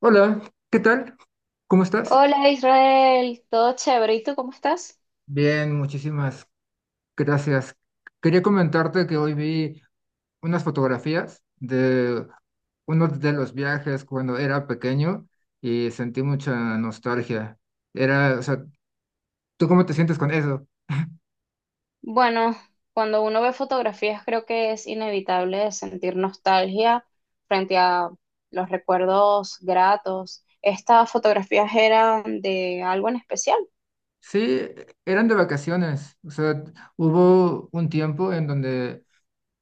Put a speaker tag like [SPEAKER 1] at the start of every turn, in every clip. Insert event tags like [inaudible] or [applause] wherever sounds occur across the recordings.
[SPEAKER 1] Hola, ¿qué tal? ¿Cómo estás?
[SPEAKER 2] Hola Israel, todo chévere. ¿Y tú cómo estás?
[SPEAKER 1] Bien, muchísimas gracias. Quería comentarte que hoy vi unas fotografías de uno de los viajes cuando era pequeño y sentí mucha nostalgia. Era, o sea, ¿tú cómo te sientes con eso?
[SPEAKER 2] Bueno, cuando uno ve fotografías creo que es inevitable sentir nostalgia frente a los recuerdos gratos. ¿Estas fotografías eran de algo en especial?
[SPEAKER 1] Sí, eran de vacaciones. O sea, hubo un tiempo en donde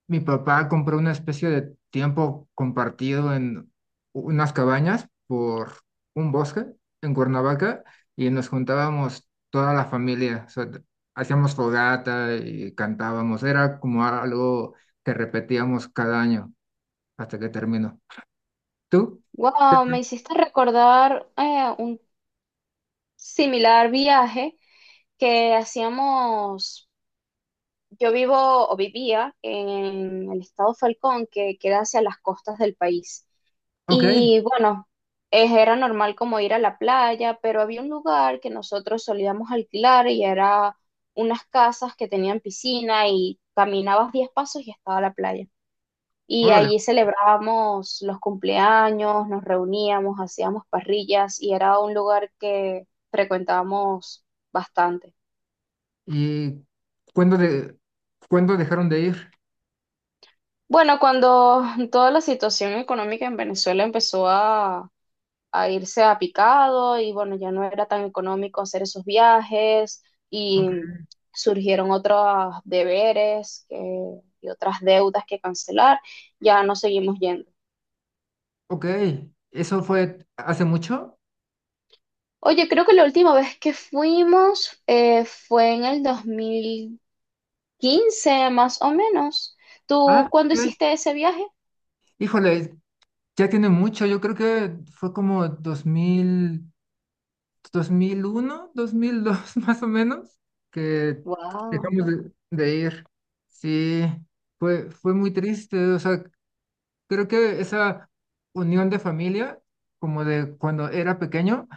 [SPEAKER 1] mi papá compró una especie de tiempo compartido en unas cabañas por un bosque en Cuernavaca y nos juntábamos toda la familia, o sea, hacíamos fogata y cantábamos, era como algo que repetíamos cada año hasta que terminó. ¿Tú? ¿Qué
[SPEAKER 2] Wow,
[SPEAKER 1] tal?
[SPEAKER 2] me hiciste recordar un similar viaje que hacíamos, yo vivo o vivía en el estado Falcón, que queda hacia las costas del país.
[SPEAKER 1] Ok,
[SPEAKER 2] Y bueno, era normal como ir a la playa, pero había un lugar que nosotros solíamos alquilar y era unas casas que tenían piscina y caminabas 10 pasos y estaba la playa. Y
[SPEAKER 1] órale.
[SPEAKER 2] allí celebrábamos los cumpleaños, nos reuníamos, hacíamos parrillas y era un lugar que frecuentábamos bastante.
[SPEAKER 1] ¿Y cuándo, de, cuándo dejaron de ir?
[SPEAKER 2] Bueno, cuando toda la situación económica en Venezuela empezó a irse a picado y bueno, ya no era tan económico hacer esos viajes
[SPEAKER 1] Ok,
[SPEAKER 2] y surgieron otros deberes y otras deudas que cancelar, ya no seguimos yendo.
[SPEAKER 1] ok, ¿eso fue hace mucho?
[SPEAKER 2] Oye, creo que la última vez que fuimos fue en el 2015, más o menos. ¿Tú
[SPEAKER 1] Ah,
[SPEAKER 2] cuándo
[SPEAKER 1] ok.
[SPEAKER 2] hiciste ese viaje?
[SPEAKER 1] Híjole, ya tiene mucho, yo creo que fue como 2001, 2002 [laughs] más o menos, que
[SPEAKER 2] Wow.
[SPEAKER 1] dejamos de ir. Sí, fue muy triste, o sea, creo que esa unión de familia, como de cuando era pequeño,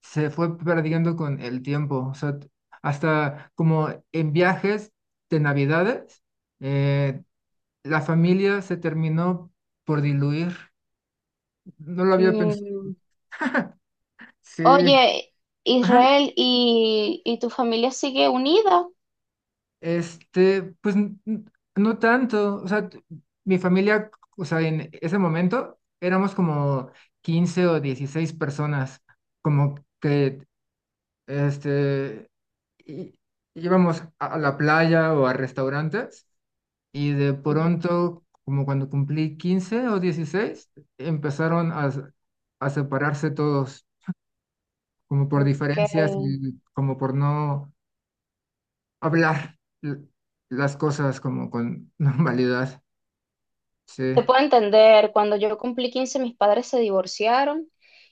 [SPEAKER 1] se fue perdiendo con el tiempo, o sea, hasta como en viajes de Navidades, eh, la familia se terminó por diluir, no lo había pensado. Sí.
[SPEAKER 2] Oye,
[SPEAKER 1] Ajá,
[SPEAKER 2] Israel, y tu familia sigue unida?
[SPEAKER 1] este, pues no tanto, o sea, mi familia, o sea, en ese momento éramos como 15 o 16 personas, como que, este, í- íbamos a la playa o a restaurantes y de
[SPEAKER 2] Ujú.
[SPEAKER 1] pronto, como cuando cumplí 15 o 16 empezaron a separarse todos, como por
[SPEAKER 2] Porque
[SPEAKER 1] diferencias y como por no hablar las cosas como con [laughs] normalidad. Sí.
[SPEAKER 2] te puedo entender, cuando yo cumplí 15, mis padres se divorciaron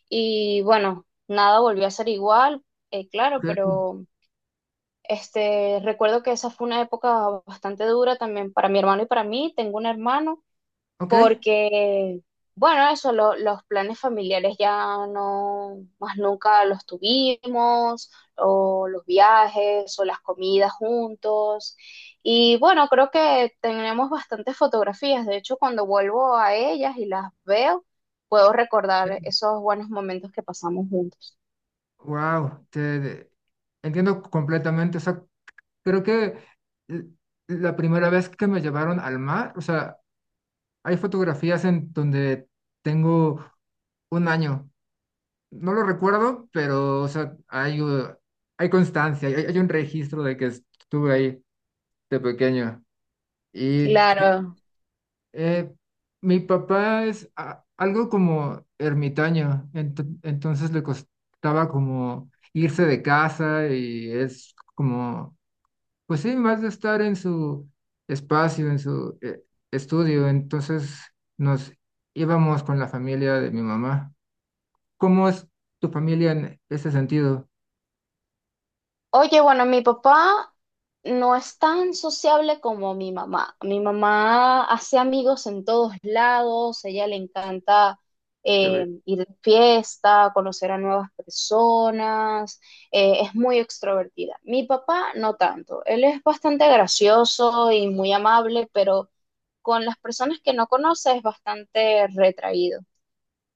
[SPEAKER 2] y bueno, nada volvió a ser igual, claro, pero este, recuerdo que esa fue una época bastante dura también para mi hermano y para mí. Tengo un hermano
[SPEAKER 1] Ok.
[SPEAKER 2] porque, bueno, eso, los planes familiares ya no, más nunca los tuvimos, o los viajes, o las comidas juntos. Y bueno, creo que tenemos bastantes fotografías. De hecho, cuando vuelvo a ellas y las veo, puedo recordar esos buenos momentos que pasamos juntos.
[SPEAKER 1] Wow. Te entiendo completamente. O sea, creo que l- la primera vez que me llevaron al mar, o sea, hay fotografías en donde tengo 1 año. No lo recuerdo, pero, o sea, hay constancia, hay un registro de que estuve ahí de pequeño. Y
[SPEAKER 2] Claro.
[SPEAKER 1] Eh, mi papá es algo como ermitaño, entonces le costaba como irse de casa y es como, pues sí, más de estar en su espacio, en su estudio, entonces nos íbamos con la familia de mi mamá. ¿Cómo es tu familia en ese sentido?
[SPEAKER 2] Oye, bueno, mi papá no es tan sociable como mi mamá. Mi mamá hace amigos en todos lados, a ella le encanta
[SPEAKER 1] Te ve-
[SPEAKER 2] ir de fiesta, conocer a nuevas personas, es muy extrovertida. Mi papá no tanto, él es bastante gracioso y muy amable, pero con las personas que no conoce es bastante retraído.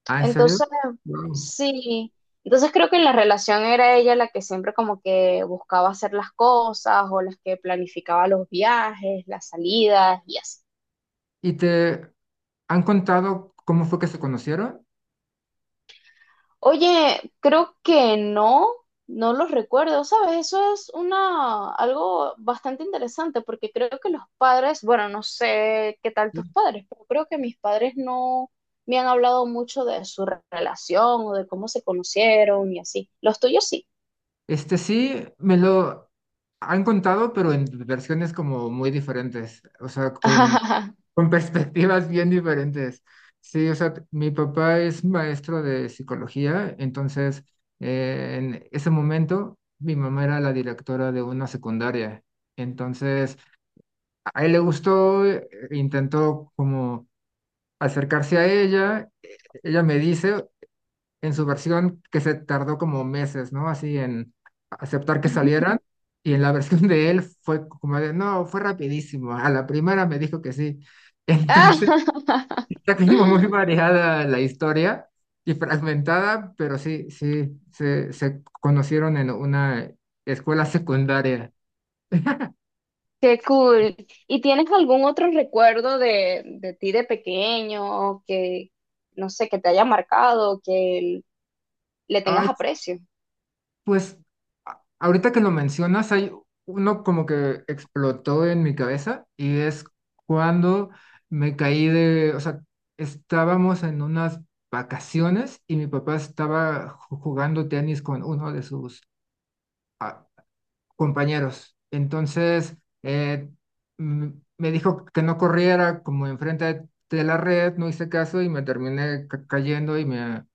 [SPEAKER 1] Ah, ¿en serio?
[SPEAKER 2] Entonces,
[SPEAKER 1] Wow.
[SPEAKER 2] sí, entonces creo que en la relación era ella la que siempre como que buscaba hacer las cosas o las que planificaba los viajes, las salidas y así.
[SPEAKER 1] ¿Y te han contado cómo fue que se conocieron?
[SPEAKER 2] Oye, creo que no, no los recuerdo, ¿sabes? Eso es una, algo bastante interesante porque creo que los padres, bueno, no sé qué tal tus padres, pero creo que mis padres no me han hablado mucho de su relación o de cómo se conocieron y así. Los tuyos sí.
[SPEAKER 1] Este sí, me lo han contado, pero en versiones como muy diferentes, o sea,
[SPEAKER 2] [laughs]
[SPEAKER 1] con [laughs] perspectivas bien diferentes. Sí, o sea, mi papá es maestro de psicología, entonces en ese momento mi mamá era la directora de una secundaria. Entonces, a él le gustó, intentó como acercarse a ella, ella me dice, en su versión que se tardó como meses, ¿no? Así en aceptar que salieran. Y en la [laughs] versión de él fue como de, no, fue rapidísimo. A la primera me dijo que sí.
[SPEAKER 2] ¡Ah!
[SPEAKER 1] Entonces, [laughs] está como muy
[SPEAKER 2] [laughs]
[SPEAKER 1] variada la historia y fragmentada, pero sí, sí, se conocieron en una escuela secundaria.
[SPEAKER 2] Qué cool. ¿Y tienes algún otro recuerdo de ti de pequeño que, no sé, que te haya marcado, que le
[SPEAKER 1] Ay,
[SPEAKER 2] tengas aprecio? [gasps]
[SPEAKER 1] pues ahorita que lo mencionas, hay uno como que explotó en mi cabeza y es cuando me caí de, o sea, estábamos en unas vacaciones y mi papá estaba jugando tenis con uno de sus ah, compañeros. Entonces, eh, mm, me dijo que no corriera como enfrente de la red, no hice caso y me terminé cayendo y me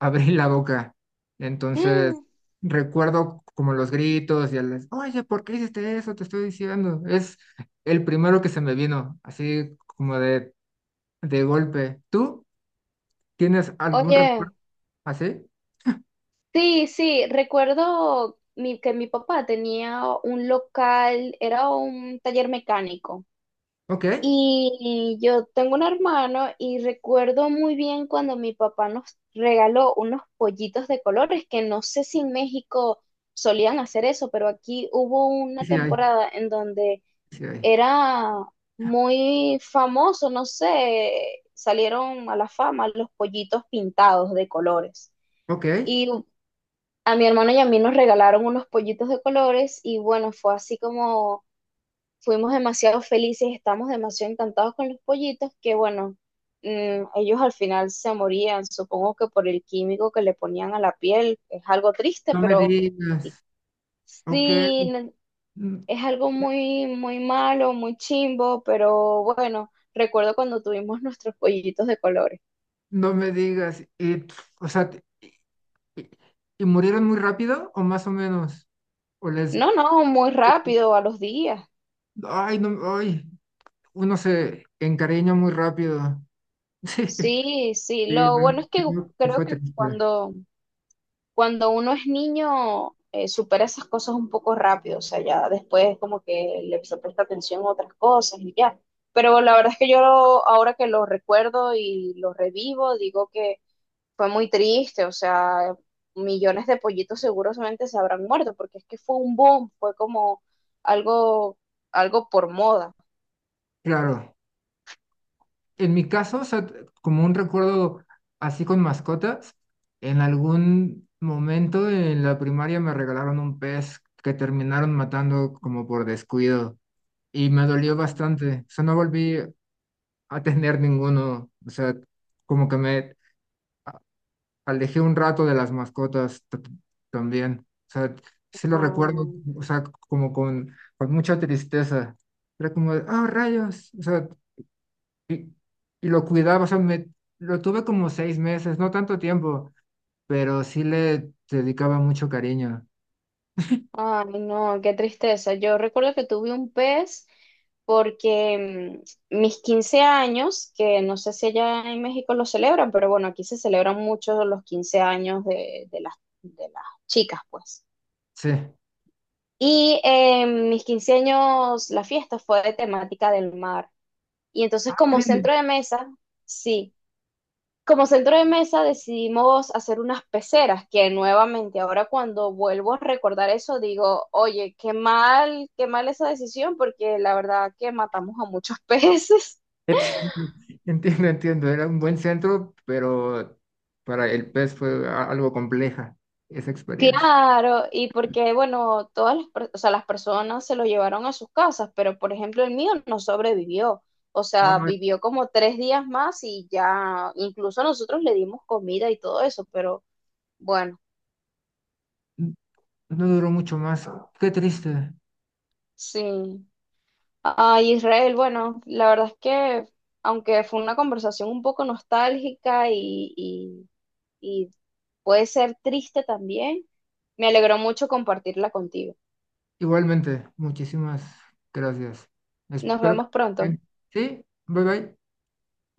[SPEAKER 1] abrí la boca. Entonces,
[SPEAKER 2] Mm.
[SPEAKER 1] recuerdo como los gritos y el, oye, ¿por qué hiciste eso? Te estoy diciendo. Es el primero que se me vino, así como de golpe. ¿Tú tienes algún
[SPEAKER 2] Oye,
[SPEAKER 1] recuerdo así?
[SPEAKER 2] sí, sí, recuerdo que mi papá tenía un local, era un taller mecánico.
[SPEAKER 1] Ok,
[SPEAKER 2] Y yo tengo un hermano y recuerdo muy bien cuando mi papá nos regaló unos pollitos de colores, que no sé si en México solían hacer eso, pero aquí hubo una
[SPEAKER 1] sí hay,
[SPEAKER 2] temporada en donde
[SPEAKER 1] sí hay.
[SPEAKER 2] era muy famoso, no sé, salieron a la fama los pollitos pintados de colores.
[SPEAKER 1] Ok,
[SPEAKER 2] Y a mi hermano y a mí nos regalaron unos pollitos de colores y bueno, fue así como fuimos demasiado felices, estamos demasiado encantados con los pollitos, que bueno, ellos al final se morían, supongo que por el químico que le ponían a la piel, es algo triste,
[SPEAKER 1] no me
[SPEAKER 2] pero
[SPEAKER 1] digas. Ok,
[SPEAKER 2] sí,
[SPEAKER 1] n-
[SPEAKER 2] es algo muy, muy malo, muy chimbo, pero bueno, recuerdo cuando tuvimos nuestros pollitos de colores.
[SPEAKER 1] no me digas. Y, pf, o sea, y, y murieron muy rápido o más o menos? O les,
[SPEAKER 2] No, no, muy rápido, a los días.
[SPEAKER 1] ay, no, ay, uno se encariña muy rápido. [laughs]
[SPEAKER 2] Sí, sí,
[SPEAKER 1] Sí,
[SPEAKER 2] lo
[SPEAKER 1] me
[SPEAKER 2] bueno es que
[SPEAKER 1] imagino que
[SPEAKER 2] creo
[SPEAKER 1] fue
[SPEAKER 2] que
[SPEAKER 1] triste.
[SPEAKER 2] cuando cuando uno es niño, supera esas cosas un poco rápido, o sea, ya después como que le se presta atención a otras cosas y ya. Pero la verdad es que yo ahora que lo recuerdo y lo revivo, digo que fue muy triste, o sea, millones de pollitos seguramente se habrán muerto, porque es que fue un boom, fue como algo, algo por moda.
[SPEAKER 1] Claro, en mi caso, o sea, como un recuerdo así con mascotas, en algún momento en la primaria me regalaron un pez que terminaron matando como por descuido y me dolió bastante. O sea, no volví a tener ninguno. O sea, como que me alejé un rato de las mascotas también. O sea, sí lo recuerdo,
[SPEAKER 2] Ah.
[SPEAKER 1] o sea, como con mucha tristeza. Era como, de, ah, rayos. O sea, y, y lo cuidaba, o sea, lo tuve como 6 meses, no tanto tiempo, pero sí le dedicaba mucho cariño.
[SPEAKER 2] Ay, no, qué tristeza. Yo recuerdo que tuve un pez porque mis 15 años, que no sé si allá en México lo celebran, pero bueno, aquí se celebran mucho los 15 años de las chicas, pues.
[SPEAKER 1] Sí.
[SPEAKER 2] Y mis 15 años, la fiesta fue de temática del mar. Y
[SPEAKER 1] Ah,
[SPEAKER 2] entonces como
[SPEAKER 1] créeme.
[SPEAKER 2] centro de mesa, sí, como centro de mesa decidimos hacer unas peceras, que nuevamente ahora cuando vuelvo a recordar eso digo, oye, qué mal esa decisión, porque la verdad que matamos a muchos [laughs] peces.
[SPEAKER 1] Entiendo, [laughs] entiendo, entiendo. Era un buen centro, pero para el pez fue algo compleja esa experiencia.
[SPEAKER 2] Claro, y porque, bueno, todas las, o sea, las personas se lo llevaron a sus casas, pero por ejemplo el mío no sobrevivió, o sea,
[SPEAKER 1] Ay,
[SPEAKER 2] vivió como 3 días más y ya, incluso nosotros le dimos comida y todo eso, pero bueno,
[SPEAKER 1] n- no duró mucho más. Qué triste.
[SPEAKER 2] sí. Ah, Israel, bueno, la verdad es que aunque fue una conversación un poco nostálgica y puede ser triste también, me alegró mucho compartirla contigo.
[SPEAKER 1] Igualmente, muchísimas gracias.
[SPEAKER 2] Nos
[SPEAKER 1] Espero
[SPEAKER 2] vemos
[SPEAKER 1] que...
[SPEAKER 2] pronto.
[SPEAKER 1] Sí, bye bye.